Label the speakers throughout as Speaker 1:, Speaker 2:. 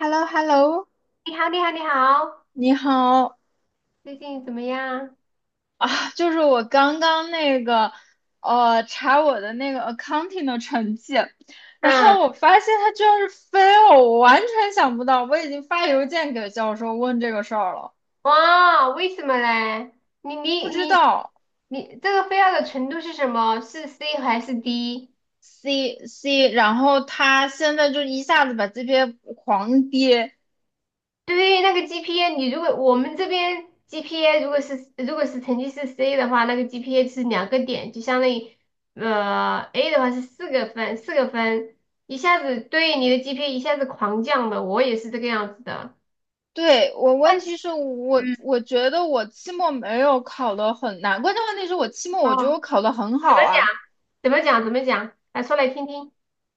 Speaker 1: h e l l o h e l l o。
Speaker 2: 你好，你好，你好，
Speaker 1: 你好
Speaker 2: 最近怎么样？
Speaker 1: 啊。就是我刚刚那个查我的那个 accounting 的成绩，然
Speaker 2: 嗯，
Speaker 1: 后我发现它居然是 fail，我完全想不到，我已经发邮件给教授问这个事儿了。
Speaker 2: 哇，为什么嘞？你
Speaker 1: 不
Speaker 2: 你
Speaker 1: 知
Speaker 2: 你
Speaker 1: 道。
Speaker 2: 你这个 f a 的程度是什么？是 C 还是 D？
Speaker 1: C C，然后他现在就一下子把这边狂跌。
Speaker 2: 对，那个 GPA，你如果我们这边 GPA 如果是成绩是 C 的话，那个 GPA 是两个点，就相当于A 的话是四个分，一下子对你的 GPA 一下子狂降的，我也是这个样子的。
Speaker 1: 对，我问
Speaker 2: 但
Speaker 1: 题
Speaker 2: 是，
Speaker 1: 是我，
Speaker 2: 嗯，
Speaker 1: 我觉得我期末没有考的很难，关键问题是我期末
Speaker 2: 哦，
Speaker 1: 我觉得我考的很
Speaker 2: 怎
Speaker 1: 好
Speaker 2: 么讲？
Speaker 1: 啊。
Speaker 2: 怎么讲？怎么讲？来说来听听。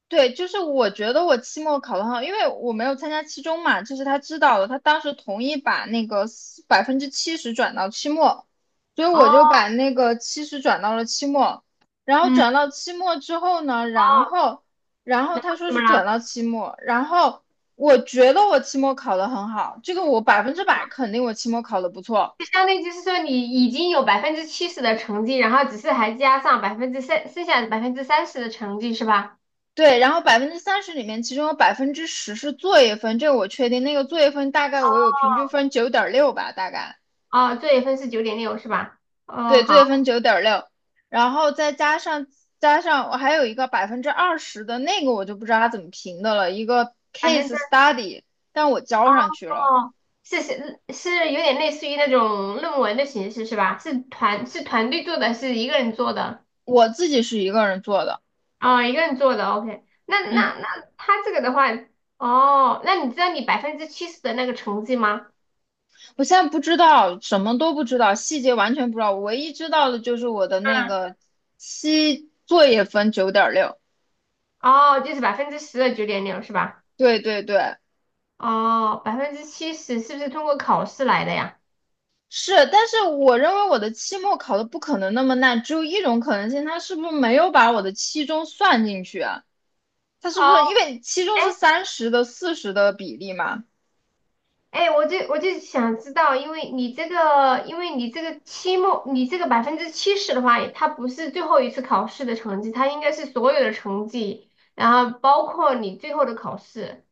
Speaker 1: 对，就是我觉得我期末考得很好，因为我没有参加期中嘛，这是他知道的，他当时同意把那个百分之七十转到期末，所以我
Speaker 2: 哦，
Speaker 1: 就把那个七十转到了期末。然后
Speaker 2: 嗯，
Speaker 1: 转到期末之后呢，然
Speaker 2: 哦，
Speaker 1: 后然后他说
Speaker 2: 怎
Speaker 1: 是
Speaker 2: 么了？
Speaker 1: 转到期末。然后我觉得我期末考得很好，这个我百分之百肯定我期末考得不错。
Speaker 2: 就相当于就是说，你已经有百分之七十的成绩，然后只是还加上百分之三，剩下百分之三十的成绩是吧？
Speaker 1: 对，然后百分之三十里面，其中有10%是作业分，这个我确定。那个作业分大概我有平均分九点六吧，大概。
Speaker 2: 哦，作业分是九点六是吧？哦，
Speaker 1: 对，作
Speaker 2: 好，
Speaker 1: 业分九点六，然后再加上我还有一个百分之二十的那个我就不知道它怎么评的了，一个
Speaker 2: 百分
Speaker 1: case
Speaker 2: 之
Speaker 1: study，但我交上去了。
Speaker 2: 哦，是是是有点类似于那种论文的形式是吧？是团队做的，是一个人做的？
Speaker 1: 我自己是一个人做的。
Speaker 2: 哦，一个人做的，OK。那
Speaker 1: 嗯，
Speaker 2: 那那他这个的话，哦，那你知道你百分之七十的那个成绩吗？
Speaker 1: 我现在不知道，什么都不知道，细节完全不知道，我唯一知道的就是我的那
Speaker 2: 嗯。
Speaker 1: 个期作业分九点六。
Speaker 2: 哦，就是10%的九点六是吧？
Speaker 1: 对对对。
Speaker 2: 哦，百分之七十是不是通过考试来的呀？
Speaker 1: 是，但是我认为我的期末考的不可能那么烂，只有一种可能性，他是不是没有把我的期中算进去啊？他是不
Speaker 2: 哦，
Speaker 1: 是因为期中
Speaker 2: 哎
Speaker 1: 是三十的四十的比例嘛？
Speaker 2: 哎，我就想知道，因为你这个期末，你这个百分之七十的话，它不是最后一次考试的成绩，它应该是所有的成绩，然后包括你最后的考试，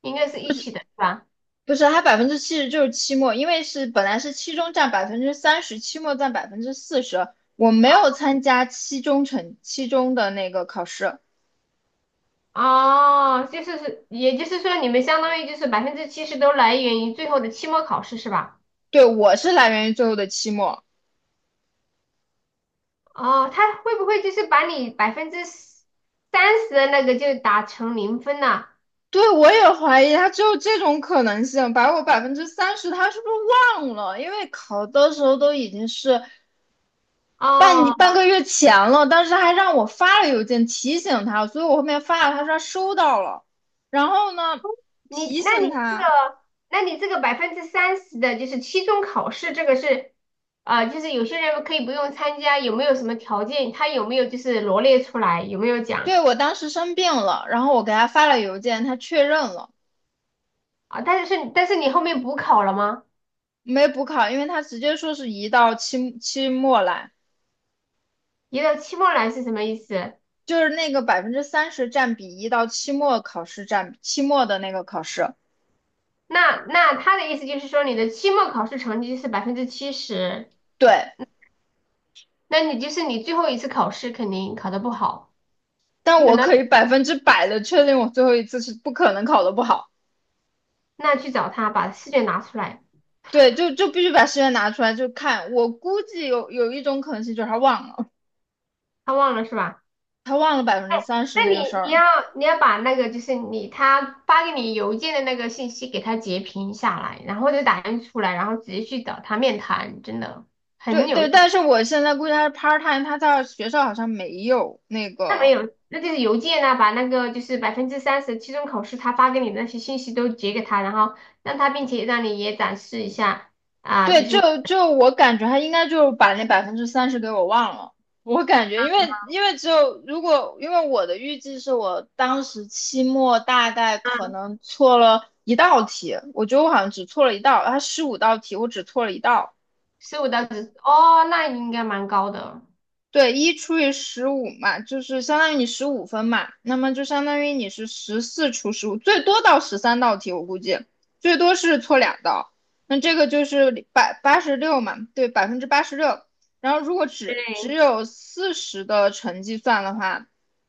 Speaker 2: 应该是一起的，是吧？
Speaker 1: 不是，他百分之七十就是期末，因为是本来是期中占百分之三十，期末占百分之四十。我没有参加期中成期中的那个考试。
Speaker 2: 哦，就是是，也就是说，你们相当于就是百分之七十都来源于最后的期末考试，是吧？
Speaker 1: 对，我是来源于最后的期末。
Speaker 2: 哦，他会不会就是把你百分之三十的那个就打成零分了？
Speaker 1: 对，我也怀疑他只有这种可能性，把我百分之三十他是不是忘了？因为考的时候都已经是半
Speaker 2: 哦，
Speaker 1: 半个月前了，当时还让我发了邮件提醒他，所以我后面发了，他说他收到了。然后呢
Speaker 2: 你
Speaker 1: 提
Speaker 2: 那
Speaker 1: 醒
Speaker 2: 你这
Speaker 1: 他。
Speaker 2: 个，那你这个百分之三十的就是期中考试，这个是，就是有些人可以不用参加，有没有什么条件？他有没有就是罗列出来？有没有讲
Speaker 1: 对，我当时生病了，然后我给他发了邮件，他确认了。
Speaker 2: 啊？但是你后面补考了吗？
Speaker 1: 没补考，因为他直接说是移到期期末来。
Speaker 2: 移到期末来是什么意思？
Speaker 1: 就是那个百分之三十占比移到期末考试占比，期末的那个考试。
Speaker 2: 那他的意思就是说你的期末考试成绩是百分之七十，
Speaker 1: 对，
Speaker 2: 那你就是你最后一次考试肯定考得不好。
Speaker 1: 但
Speaker 2: 有
Speaker 1: 我
Speaker 2: 呢，
Speaker 1: 可以百分之百的确定我最后一次是不可能考的不好。
Speaker 2: 那去找他，把试卷拿出来，
Speaker 1: 对，就必须把试卷拿出来就看。我估计有一种可能性就是他忘了。
Speaker 2: 他忘了是吧？
Speaker 1: 他忘了百分之三十
Speaker 2: 那
Speaker 1: 那
Speaker 2: 你
Speaker 1: 个事
Speaker 2: 你
Speaker 1: 儿。
Speaker 2: 要你要把那个就是你他发给你邮件的那个信息给他截屏下来，然后就打印出来，然后直接去找他面谈，真的很
Speaker 1: 对
Speaker 2: 有
Speaker 1: 对，但
Speaker 2: 用。
Speaker 1: 是我现在估计他是 part time，他在学校好像没有那个。
Speaker 2: 那就是邮件呢、把那个就是百分之三十期中考试他发给你的那些信息都截给他，然后让他，并且让你也展示一下啊，就
Speaker 1: 对，
Speaker 2: 是
Speaker 1: 就我感觉他应该就把那百分之三十给我忘了。我感觉，因为只有如果，因为我的预计是我当时期末大概可能错了一道题，我觉得我好像只错了一道，他15道题我只错了一道。
Speaker 2: 十五到十哦，那应该蛮高的。
Speaker 1: 对，1除以15嘛，就是相当于你15分嘛，那么就相当于你是14除15，最多到13道题，我估计最多是错两道。那这个就是百八十六嘛，对，86%。然后如果只
Speaker 2: 对，
Speaker 1: 有四十的成绩算的话，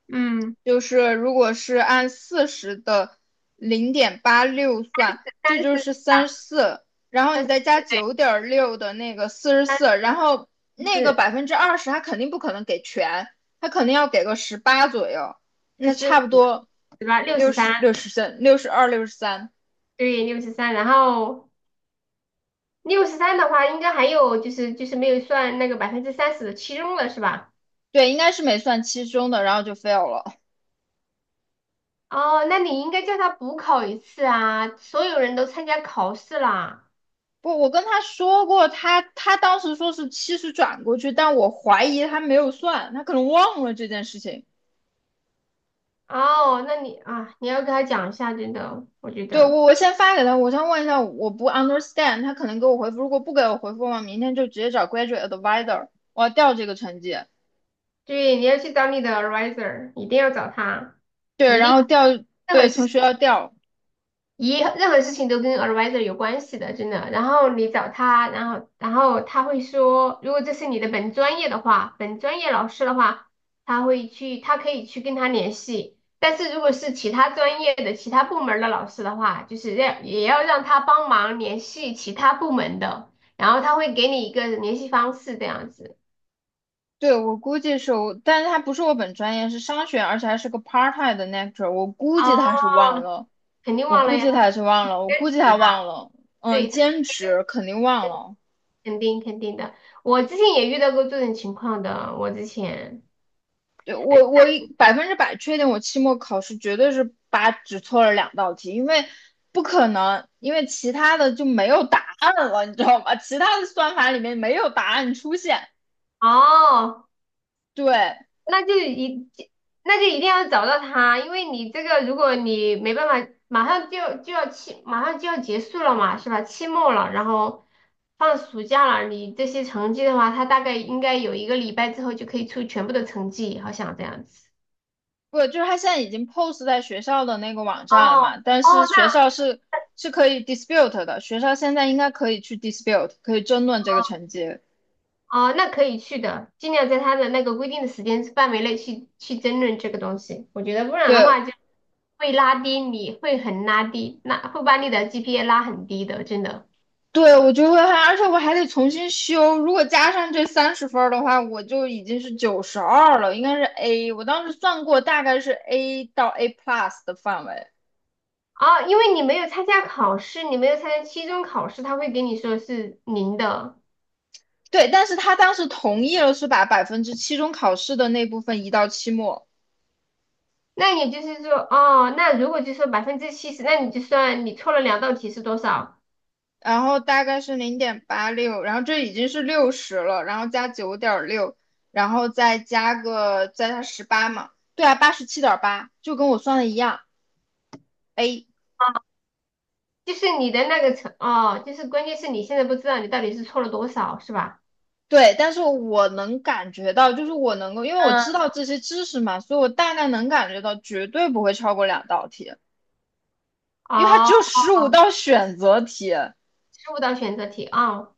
Speaker 2: 嗯，
Speaker 1: 就是如果是按四十的零点八六算，这
Speaker 2: 三
Speaker 1: 就
Speaker 2: 十，
Speaker 1: 是34，然后
Speaker 2: 三
Speaker 1: 你
Speaker 2: 十，
Speaker 1: 再加
Speaker 2: 对。
Speaker 1: 九点六的那个44，
Speaker 2: 三
Speaker 1: 然后
Speaker 2: 十
Speaker 1: 那个
Speaker 2: 四
Speaker 1: 百分之二十，他肯定不可能给全，他肯定要给个十八左右，
Speaker 2: 四
Speaker 1: 那差
Speaker 2: 十
Speaker 1: 不
Speaker 2: 五，
Speaker 1: 多
Speaker 2: 对吧？六十三，
Speaker 1: 六十三、62、六十三。
Speaker 2: 对，六十三。然后六十三的话，应该还有就是没有算那个百分之三十的期中了，是吧？
Speaker 1: 对，应该是没算七十中的，然后就 fail 了。
Speaker 2: 哦，那你应该叫他补考一次啊！所有人都参加考试啦。
Speaker 1: 不，我跟他说过，他当时说是七十转过去，但我怀疑他没有算，他可能忘了这件事情。
Speaker 2: 哦，那你啊，你要跟他讲一下，真的，我觉
Speaker 1: 对，
Speaker 2: 得，
Speaker 1: 我先发给他，我先问一下，我不 understand，他可能给我回复，如果不给我回复我明天就直接找 graduate advisor。我要调这个成绩。
Speaker 2: 对，你要去找你的 advisor，一定要找他，
Speaker 1: 对，
Speaker 2: 一定，
Speaker 1: 然后调。
Speaker 2: 任何
Speaker 1: 对，从
Speaker 2: 事
Speaker 1: 学校调。
Speaker 2: 情都跟 advisor 有关系的，真的。然后你找他，然后他会说，如果这是你的本专业的话，本专业老师的话，他会去，他可以去跟他联系。但是如果是其他专业的、其他部门的老师的话，就是要也要让他帮忙联系其他部门的，然后他会给你一个联系方式这样子。
Speaker 1: 对，我估计是我，但是他不是我本专业，是商学，而且还是个 part time 的 lecturer，我估计他
Speaker 2: 哦，
Speaker 1: 是忘了，
Speaker 2: 肯定
Speaker 1: 我
Speaker 2: 忘
Speaker 1: 估
Speaker 2: 了呀，
Speaker 1: 计
Speaker 2: 他是
Speaker 1: 他是忘了，我估
Speaker 2: 兼
Speaker 1: 计
Speaker 2: 职
Speaker 1: 他
Speaker 2: 嘛，
Speaker 1: 忘了。嗯，
Speaker 2: 对，他是
Speaker 1: 兼职肯定忘了。
Speaker 2: 肯定肯定的。我之前也遇到过这种情况的，我之前。
Speaker 1: 对我百分之百确定，我期末考试绝对是八，只错了两道题，因为不可能，因为其他的就没有答案了，你知道吗？其他的算法里面没有答案出现。
Speaker 2: 哦，
Speaker 1: 对，
Speaker 2: 那就一，那就一定要找到他，因为你这个，如果你没办法，马上就要结束了嘛，是吧？期末了，然后放暑假了，你这些成绩的话，他大概应该有一个礼拜之后就可以出全部的成绩，好像这样子。
Speaker 1: 不就是他现在已经 post 在学校的那个网站了
Speaker 2: 哦
Speaker 1: 嘛？但是
Speaker 2: 哦，
Speaker 1: 学
Speaker 2: 那
Speaker 1: 校是是可以 dispute 的，学校现在应该可以去 dispute，可以争论这个成绩。
Speaker 2: 哦，那可以去的，尽量在他的那个规定的时间范围内去争论这个东西。我觉得不然的
Speaker 1: 对
Speaker 2: 话就会拉低你，会很拉低，那会把你的 GPA 拉很低的，真的。
Speaker 1: 对，我就会还，而且我还得重新修。如果加上这30分儿的话，我就已经是92了，应该是 A。我当时算过，大概是 A 到 A plus 的范围。
Speaker 2: 哦，因为你没有参加考试，你没有参加期中考试，他会给你说是零的。
Speaker 1: 对，但是他当时同意了，是把百分之期中考试的那部分移到期末。
Speaker 2: 那也就是说，哦，那如果就说百分之七十，那你就算你错了两道题是多少？
Speaker 1: 然后大概是零点八六，然后这已经是六十了，然后加九点六，然后再加十八嘛，对啊，87.8，就跟我算的一样，A。
Speaker 2: 就是你的那个成，哦，就是关键是你现在不知道你到底是错了多少，是吧？
Speaker 1: 对，但是我能感觉到，就是我能够，因为我
Speaker 2: 嗯，
Speaker 1: 知道这些知识嘛，所以我大概能感觉到绝对不会超过两道题，因为它只
Speaker 2: 哦，
Speaker 1: 有15道选择题。
Speaker 2: 十五道选择题啊，哦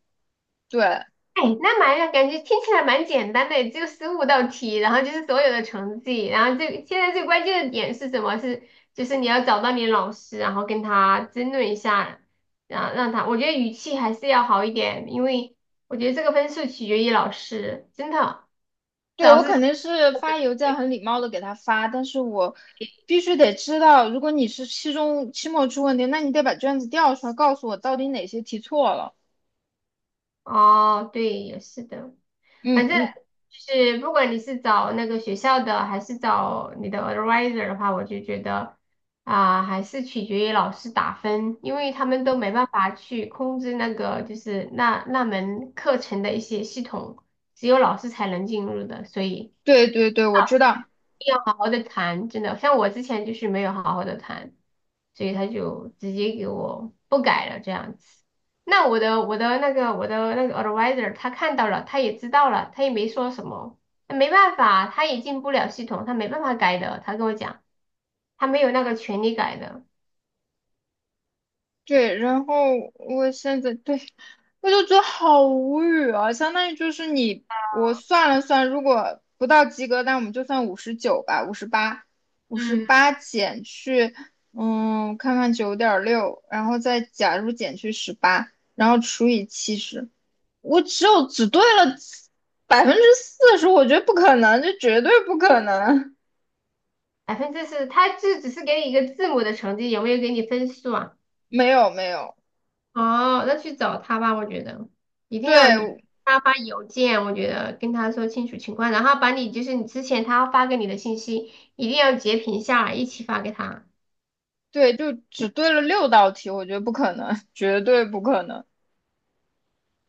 Speaker 1: 对，
Speaker 2: 哎，那蛮感觉听起来蛮简单的，只有十五道题，然后就是所有的成绩，然后最现在最关键的点是什么？是就是你要找到你的老师，然后跟他争论一下，然后让他，我觉得语气还是要好一点，因为我觉得这个分数取决于老师，真的，
Speaker 1: 对，
Speaker 2: 老
Speaker 1: 我
Speaker 2: 师
Speaker 1: 肯定是发邮件很礼貌的给他发，但是我必须得知道，如果你是期中、期末出问题，那你得把卷子调出来，告诉我到底哪些题错了。
Speaker 2: 哦，对，也是的，
Speaker 1: 嗯
Speaker 2: 反正
Speaker 1: 嗯。
Speaker 2: 就是不管你是找那个学校的，还是找你的 advisor 的话，我就觉得啊、还是取决于老师打分，因为他们都没办法去控制那个就是那门课程的一些系统，只有老师才能进入的，所以。
Speaker 1: 对对对，我知道。
Speaker 2: 定要好好的谈，真的，像我之前就是没有好好的谈，所以他就直接给我不改了这样子。那我的那个 advisor 他看到了，他也知道了，他也没说什么，没办法，他也进不了系统，他没办法改的。他跟我讲，他没有那个权利改的，
Speaker 1: 对，然后我现在对我就觉得好无语啊，相当于就是你我算了算，如果不到及格，那我们就算59吧，五十八，五十
Speaker 2: 嗯，
Speaker 1: 八减去嗯，看看九点六，然后再假如减去十八，然后除以七十，我只有只对了百分之四十，我觉得不可能，这绝对不可能。
Speaker 2: 4%，他就只是给你一个字母的成绩，有没有给你分数啊？
Speaker 1: 没有没有。
Speaker 2: 哦，那去找他吧，我觉得一定要你
Speaker 1: 对
Speaker 2: 他发邮件，我觉得跟他说清楚情况，然后把你就是你之前他发给你的信息一定要截屏下来，一起发给他。
Speaker 1: 对，就只对了6道题，我觉得不可能，绝对不可能。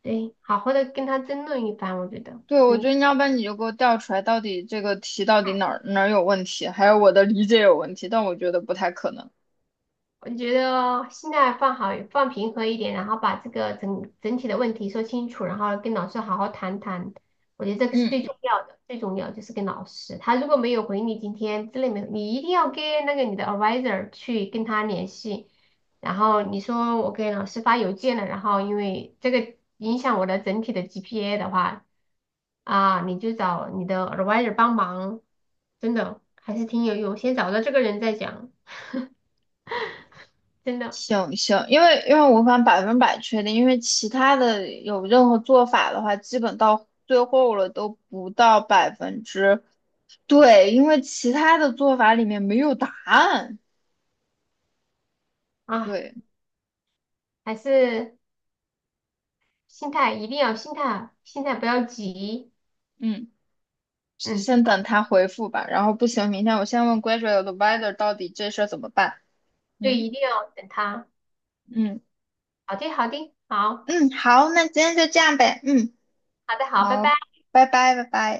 Speaker 2: 对，好好的跟他争论一番，我觉得
Speaker 1: 对，我
Speaker 2: 真的。
Speaker 1: 觉得你要不然你就给我调出来，到底这个题到底哪儿哪儿有问题，还有我的理解有问题，但我觉得不太可能。
Speaker 2: 我觉得心态放好、放平和一点，然后把这个整体的问题说清楚，然后跟老师好好谈谈。我觉得这个是
Speaker 1: 嗯，
Speaker 2: 最重要的，最重要就是跟老师，他如果没有回你今天之类没有，你一定要跟那个你的 advisor 去跟他联系。然后你说我给老师发邮件了，然后因为这个影响我的整体的 GPA 的话，啊，你就找你的 advisor 帮忙，真的还是挺有用。先找到这个人再讲，真的
Speaker 1: 行行，因为我无法百分百确定，因为其他的有任何做法的话，基本到最后了都不到百分之。对，因为其他的做法里面没有答案。
Speaker 2: 啊。
Speaker 1: 对，
Speaker 2: 还是心态一定要心态，心态不要急，
Speaker 1: 嗯。是
Speaker 2: 嗯，
Speaker 1: 先等他回复吧，然后不行，明天我先问 graduate advisor 到底这事儿怎么办。
Speaker 2: 对，
Speaker 1: 嗯
Speaker 2: 一定要等他。
Speaker 1: 嗯
Speaker 2: 好的，好的，好，
Speaker 1: 嗯，好，那今天就这样呗。嗯，
Speaker 2: 好的，好，拜
Speaker 1: 好，
Speaker 2: 拜。
Speaker 1: 拜拜拜拜。